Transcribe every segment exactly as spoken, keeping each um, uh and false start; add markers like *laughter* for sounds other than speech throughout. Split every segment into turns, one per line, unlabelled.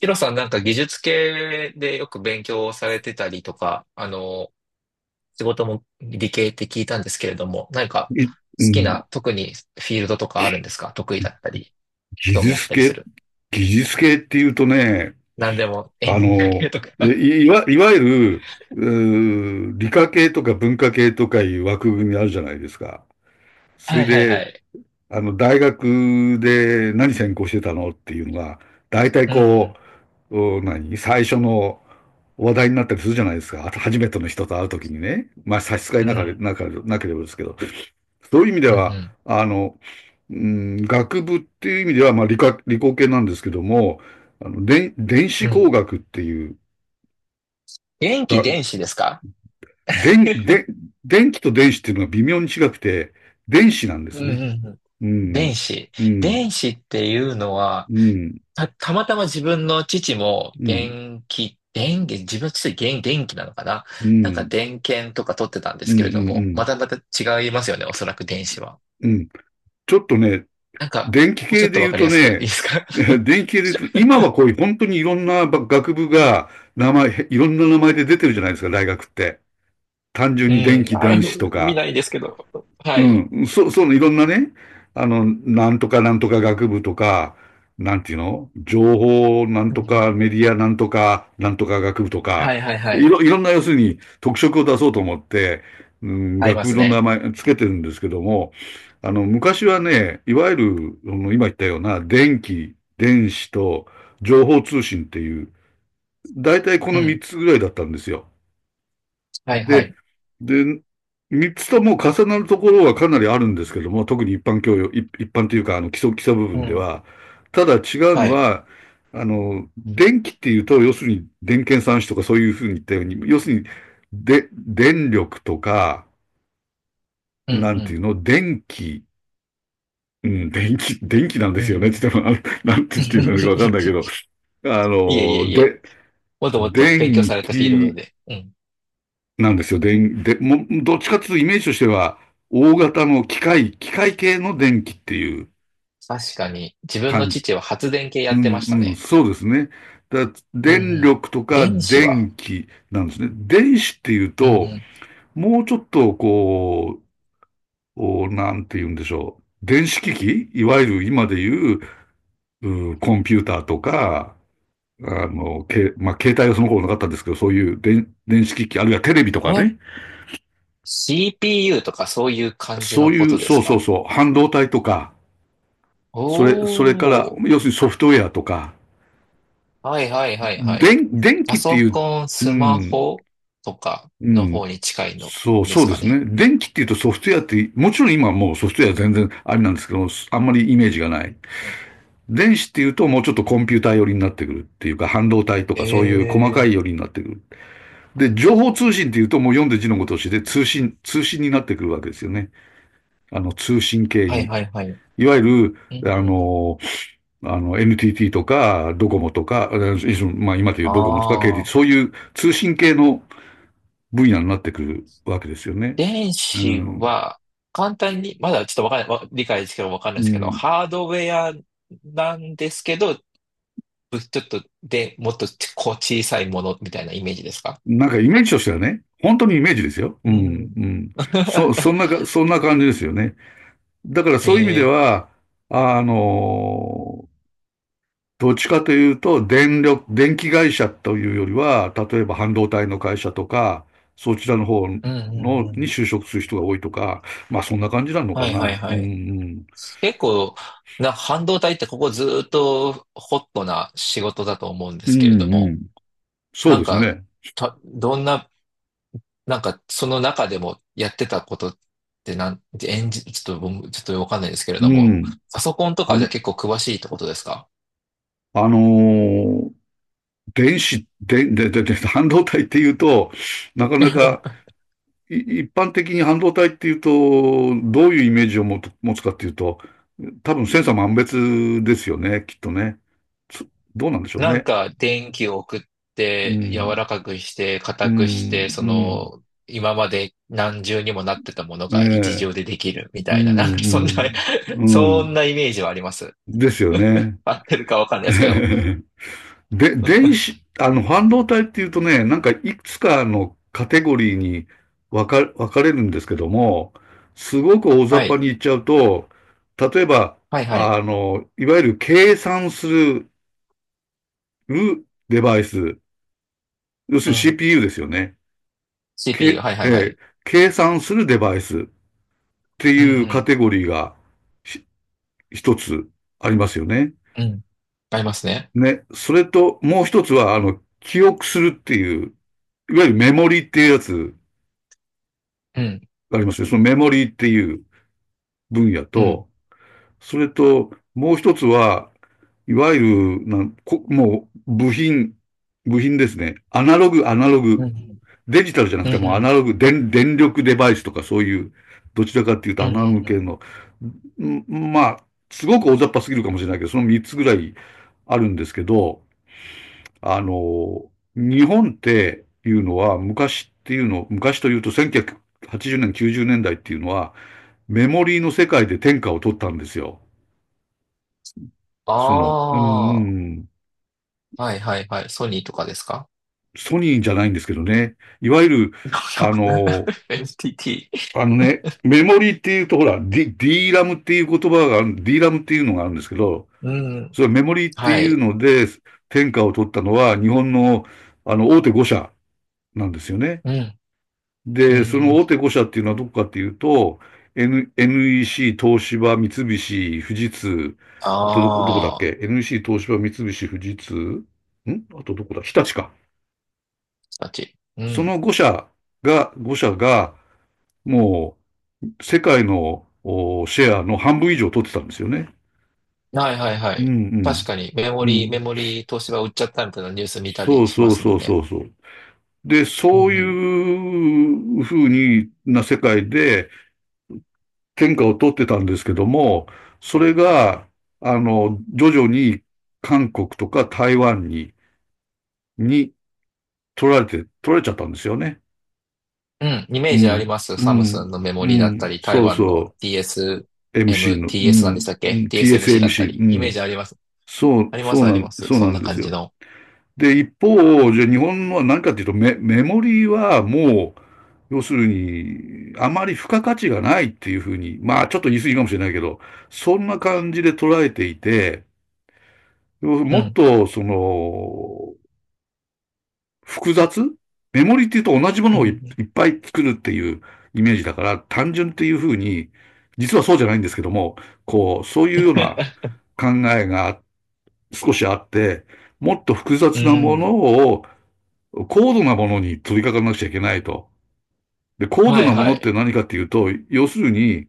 ヒロさんなんか技術系でよく勉強をされてたりとか、あの、仕事も理系って聞いたんですけれども、何か好
い、う
き
ん、
な、特にフィールドとかあるんですか？得意だったり、
技
興味あっ
術
たりす
系、
る。
技術系っていうとね、
何でも、演
あ
技だ
の、
けとか。*laughs*
い、いわ、いわゆる、うー理科系とか文化系とかいう枠組みあるじゃないですか。そ
は
れ
いはいは
で、
い。
あの、大学で何専攻してたのっていうのが、大体こう、お何最初の話題になったりするじゃないですか。あと初めての人と会うときにね。まあ差し支え
う
なかれ、
ん、
なかれ、なければですけど。そういう意味で
うん、うん、う
は、
ん。
あの、うん、学部っていう意味では、まあ理科、理工系なんですけども、あの、電、電
う
子
ん、
工学っていう、
電気、
が、
電子ですか？
電、電、電気と電子っていうのが微妙に違くて、電子なんで
うん、
すね。
うん、うん。
う
電
ん、
子。
うん、
電子っていうのは、
うん、
た、たまたま自分の父も
うん。
電気、電気、自分の父は電電気なのかな。
う
なんか
ん、
電源とか取ってたんで
う
す
ん、
け
うん、
れど
う
も、ま
ん。
たまた違いますよね、おそらく電子は。
うん。ちょっとね、
なんか、
電気
もうちょ
系
っ
で
とわ
言う
かり
と
やすくい
ね、
いですか？
*laughs*
*laughs*
電気系で言うと、今はこういう本当にいろんなば学部が名前、いろんな名前で出てるじゃないですか、大学って。単純
う
に電
ん。
気、
あ、
電子と
見
か。
ないですけど。はい。
うん、そ、そのいろんなね、あの、なんとかなんとか学部とか、なんていうの情報なん
う
と
んう
か
ん。
メディアなんとかなんとか学部とか、
はいはいは
い
い。
ろ、いろんな要するに特色を出そうと思って、うん、
合いま
学部
す
の名
ね。
前つけてるんですけども、あの、昔はね、いわゆる、あの今言ったような電気、電子と情報通信っていう、大体こ
う
の3
ん。
つぐらいだったんですよ。
はいは
で、
い。
で、三つとも重なるところはかなりあるんですけども、特に一般教養、い一般というか、あの、基礎、基礎部
う
分で
ん。
は。ただ違う
は
の
い。
は、あの、電気っていうと、要するに電検算子とかそういうふうに言ったように、要するに、で、電力とか、
う
なんていう
ん
の、電気、うん、電気、電気なんで
うん。
す
う
よ
ん
ねっ
う
て
ん。
言っても、なんて言っていうのかわかんないけど、
*laughs*
あ
いえいえ
の、
いえ。
で、
もっともっと勉強
電
されたフィールド
気
で。うん。
なんですよ。電、で、も、どっちかっていうとイメージとしては、大型の機械、機械系の電気っていう
確かに、自分の
感じ。
父は発電系や
う
ってま
ん
した
うん、
ね。
そうですね。だ、
うんう
電
ん。
力とか
電子は、
電気なんですね。電子っていう
う
と、
ん
もうちょっとこう、おなんて言うんでしょう。電子機器いわゆる今で言う、うーコンピューターとか、あの、け、まあ、携帯はその頃なかったんですけど、そういう電、電子機器、あるいはテレビと
う
か
ん。え？
ね。
シーピーユー とかそういう感じ
そ
の
う
こ
いう、
とです
そうそう
か？
そう、半導体とか、
お
それ、それから、
ー。
要するにソフトウェアとか、
はいはいはいはい。
電、電
パ
気って
ソ
いう、
コン、
う
スマ
ん、
ホとか
う
の
ん、
方に近いの
そう、
で
そ
す
うで
か
す
ね。
ね。電気っていうとソフトウェアって、もちろん今もうソフトウェア全然あれなんですけど、あんまりイメージがない。
うん、
電子っていうともうちょっとコンピューター寄りになってくるっていうか、半導体とかそういう細か
え
い
ー。
寄りになってくる。で、情報通信っていうともう読んで字のごとしで通信、通信になってくるわけですよね。あの、通信系
はい
に。
はいはい。
いわゆ
う
る、あ
ん。
の、あの、エヌティーティー とか、ドコモとか、まあ今という
あ
ドコモとか ケーティー、そう
あ。
いう通信系の分野になってくるわけですよね。
電
う
子
ん。
は、簡単に、まだちょっとわかんない、わ理解ですけどわかんな
う
いですけど、
ん。
ハードウェアなんですけど、ぶちょっとで、もっとちこう小さいものみたいなイメージですか？
なんかイメージとしてはね、本当にイメージですよ。
う
うん。う
ん。
ん。そ、そ
*laughs*
んなか、そんな感じですよね。だからそういう意味で
ええ、
は、あのどっちかというと、電力、電気会社というよりは、例えば半導体の会社とか、そちらの方
うんう
の、
んう
に
ん。
就職する人が多いとか、まあそんな感じなの
は
か
いはい
な。う
は
ん
い。
うん。
結構、な、半導体ってここずーっとホットな仕事だと思うんで
う
すけれど
んう
も、
ん。そう
な
で
ん
す
か、
ね。
た、どんな、なんかその中でもやってたことってなん、エンジ、ちょっと僕、ちょっとわかんないですけれど
う
も、
ん。
パソコンと
あ
かじ
の、
ゃ結構詳しいってことですか？
あのー電子、で、で、で、で、半導体っていうと、なかなか、
*laughs*
い一般的に半導体っていうと、どういうイメージを持つ持つかっていうと、多分千差万別ですよね、きっとね。つどうなんでしょう
なん
ね。
か電気を送っ
う
て柔
ん、
らかくして
う
硬くしてそ
ん、
の今まで何重にもなってたもの
うん、
が一
え
重でできるみ
え、う
たいななんかそんな
ん、う
*laughs*
ん、う
そん
ん、
なイメージはあります。
ですよ
*laughs*
ね。
合ってるかわかんないですけど。
*laughs* で、電子、あの、半導体っていうとね、なんかいくつかのカテゴリーに分か、分かれるんですけども、すごく大雑
は
把
い。
に言っちゃうと、例えば、
はいはい。
あの、いわゆる計算するデバイス、要する
う
に
ん。
シーピーユー ですよね。
シーピーユー。
け、
はいは
え
いは
ー
い。
計算するデバイスって
うん
いうカ
う
テゴリーが、一つありますよね。
ん。うん。ありますね。
ね。それと、もう一つは、あの、記憶するっていう、いわゆるメモリーっていうやつ
うん。
がありますね。そのメモリーっていう分野
うん。
と、それと、もう一つは、いわゆる、なんこもう、部品、部品ですね。アナログ、アナログ。
うん。
デジタルじゃなく
うん
て
う
もうア
ん。
ナログ、電、電力デバイスとかそういう、どちらかっていうと
うん
ア
うん
ナログ
う
系
ん。
の、まあ、すごく大雑把すぎるかもしれないけど、そのみっつぐらいあるんですけど、あの、日本っていうのは、昔っていうの、昔というとせんきゅうひゃくはちじゅうねん、きゅうじゅうねんだいっていうのは、メモリーの世界で天下を取ったんですよ。
あ
その、うん、
あ
う
ー。
ん、
はいはいはい。ソニーとかですか？
ソニーじゃないんですけどね。いわゆる、あ
エヌティーティー
の、
*laughs*。エヌティーテ
あのね、メモリーっていうと、ほら、D、D ラムっていう言葉がある、D ラムっていうのがあるんですけど、
ィー、うん。
それメモリーって
は
いう
い。
ので、天下を取ったのは、日本の、あの、大手ご社なんですよね。
うん、う
で、その大
ん。
手ご社っていうのはどこかっていうと、N、エヌイーシー、東芝、三菱、富士通、あとどこ、どこだっ
ああ、
け？ エヌイーシー、東芝、三菱、富士通、んあとどこだ日立か。
たち。う
そ
ん。
の5社が、ご社が、もう、世界のシェアの半分以上取ってたんですよね。
はいはいは
うん
い。確かに、メ
う
モ
ん。う
リー、メ
ん。
モリー東芝売っちゃったみたいなニュース見た
そ
り
う
しま
そう
すも
そ
ん
うそ
ね。
うそう。で、
うん、う
そうい
ん。
うふうにな世界で、天下を取ってたんですけども、それが、あの、徐々に韓国とか台湾に、に取られて、取られちゃったんですよね。
うん、イ
う
メージあり
ん、
ます。
う
サムス
ん、
ンのメモ
う
リーだった
ん、
り、台
そう
湾の
そう、エムシー
ティーエスエム、
の、う
ティーエス なんでし
ん、
たっ
う
け？
ん
ティーエスエムシー だった
ティーエスエムシー、う
り、イメー
ん、
ジあります。
そう、
ありま
そ
す、
う
あ
な
りま
ん、
す。
そう
そ
な
ん
ん
な
です
感じ
よ。
の。
で、一方、じゃあ日本のは何かっていうと、メ、メモリーはもう、要するに、あまり付加価値がないっていうふうに、まあちょっと言い過ぎかもしれないけど、そんな感じで捉えていて、
う
もっ
ん、
と、その、複雑メモリっていうと同じも
う
のをい
ん。
いっぱい作るっていうイメージだから、単純っていうふうに、実はそうじゃないんですけども、こう、そういうような
*laughs*
考えが少しあって、もっと複
う
雑なも
ん。
のを高度なものに取り掛かんなくちゃいけないと。で、高度
はい
なも
は
のっ
い。
て何かっていうと、要するに、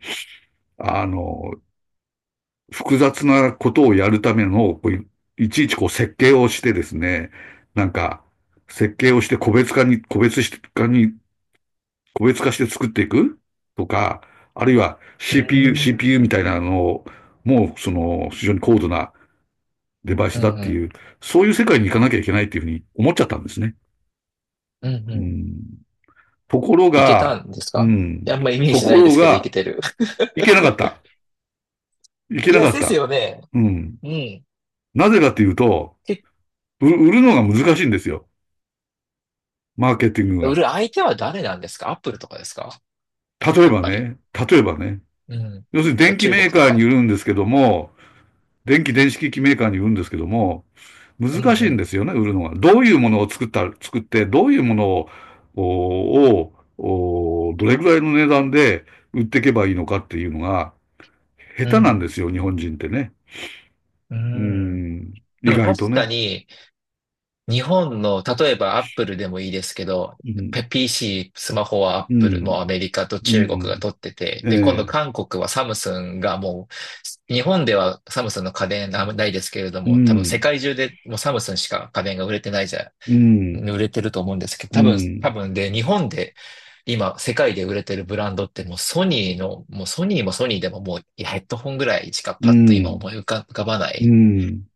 あの、複雑なことをやるための、こういちいちこう設計をしてですね、なんか、設計をして個別化に、個別化に、個別化して作っていくとか、あるいは
う
シーピーユー、
ん。
シーピーユー みたいなのを、もうその非常に高度なデバイ
う
スだって
ん。
いう、そういう世界に行かなきゃいけないっていうふうに思っちゃったんですね。
うん。う
う
ん。
ん、ところ
いけた
が、
んです
う
か？い
ん、
や、あんまイメー
と
ジな
こ
いで
ろ
すけど、いけ
が、
てる。
いけなかった。い
*laughs*
け
い
な
や、
かっ
です
た。
よね。
うん。
うん。
なぜかっていうと、
で、
売るのが難しいんですよ。マーケティング
売
が。
る相手は誰なんですか？アップルとかですか？
例え
やっ
ば
ぱり。
ね、例えばね、
うん。
要するに電機
中国
メー
と
カーに
か。
売るんですけども、電気電子機器メーカーに売るんですけども、
うん
難し
う
いんで
ん。
すよね、売るのが。どういうものを作った、作って、どういうものを、ををどれぐらいの値段で売っていけばいいのかっていうのが、下
う
手なんで
ん。
すよ、日本人ってね。
う
う
ん。
ん、
で
意
も
外と
確か
ね。
に、日本の、例えばアップルでもいいですけど、
うん、
ペ ピーシー、スマホはアッ
う
プル、もう
ん、
アメリカと
う
中国が
ん、
取ってて、
え
で、今度
え、
韓国はサムスンがもう、日本ではサムスンの家電あんまないですけれど
う
も、多分世
ん、
界中でもうサムスンしか家電が売れてないじゃ
う
ん、
ん、
売れてると思うんですけど、
う
多分、多
ん、
分で、日本で今、世界で売れてるブランドってもうソニーの、もうソニーもソニーでももういやヘッドホンぐらいしか
う
パッと今
ん、
思い浮か、浮かばな
う
い
ん。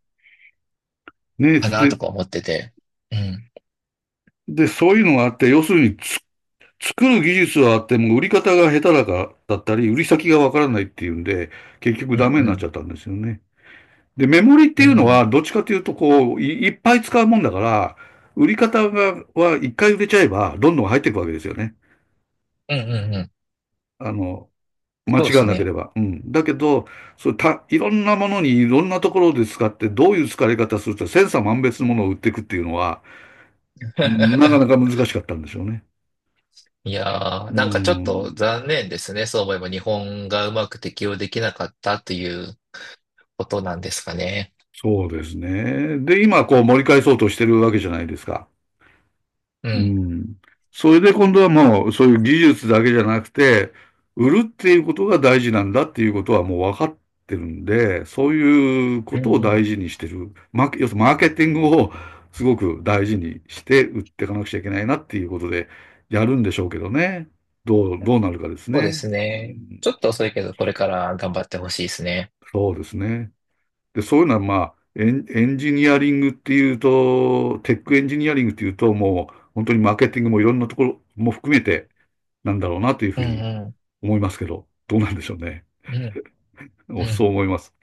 ね
かなと
で、
か思ってて。うん。
で、そういうのがあって、要するにつ、作る技術はあっても、売り方が下手だか、だったり、売り先がわからないっていうんで、結局
うん
ダメに
う
なっちゃっ
ん。
たんですよね。で、メモリって
う
いうのは、
ん。
どっちかというと、こう、い、いっぱい使うもんだから、売り方が、は一回売れちゃえば、どんどん入っていくわけですよね。
うんうんうん。
あの、間
そうで
違わ
す
なけれ
ね。
ば。うん。だけど、そうた、いろんなものにいろんなところで使って、どういう使い方すると、千差万別のものを売っていくっていうのは、なかなか難
*laughs*
しかったんでしょうね。
いやー、
う
なんかちょっと
ん。
残念ですね。そう思えば日本がうまく適用できなかったということなんですかね。
そうですね。で、今こう盛り返そうとしてるわけじゃないですか。
う
う
ん。
ん。それで今度はもうそういう技術だけじゃなくて、売るっていうことが大事なんだっていうことはもう分かってるんで、そういうこ
うん
とを
う
大事
ん。
にしてる。マーケ、要するにマーケティングをすごく大事にして売っていかなくちゃいけないなっていうことでやるんでしょうけどね。どう、どうなるかです
そうで
ね。
す
う
ね。
ん、
ちょっと遅いけど、これから頑張ってほしいですね。
そうですね。で、そういうのは、まあ、エン、エンジニアリングっていうと、テックエンジニアリングっていうと、もう本当にマーケティングもいろんなところも含めてなんだろうなというふ
うん
うに
うん。
思いますけど、どうなんでしょうね。
うん
*laughs*
う
おそ
ん。
う思います。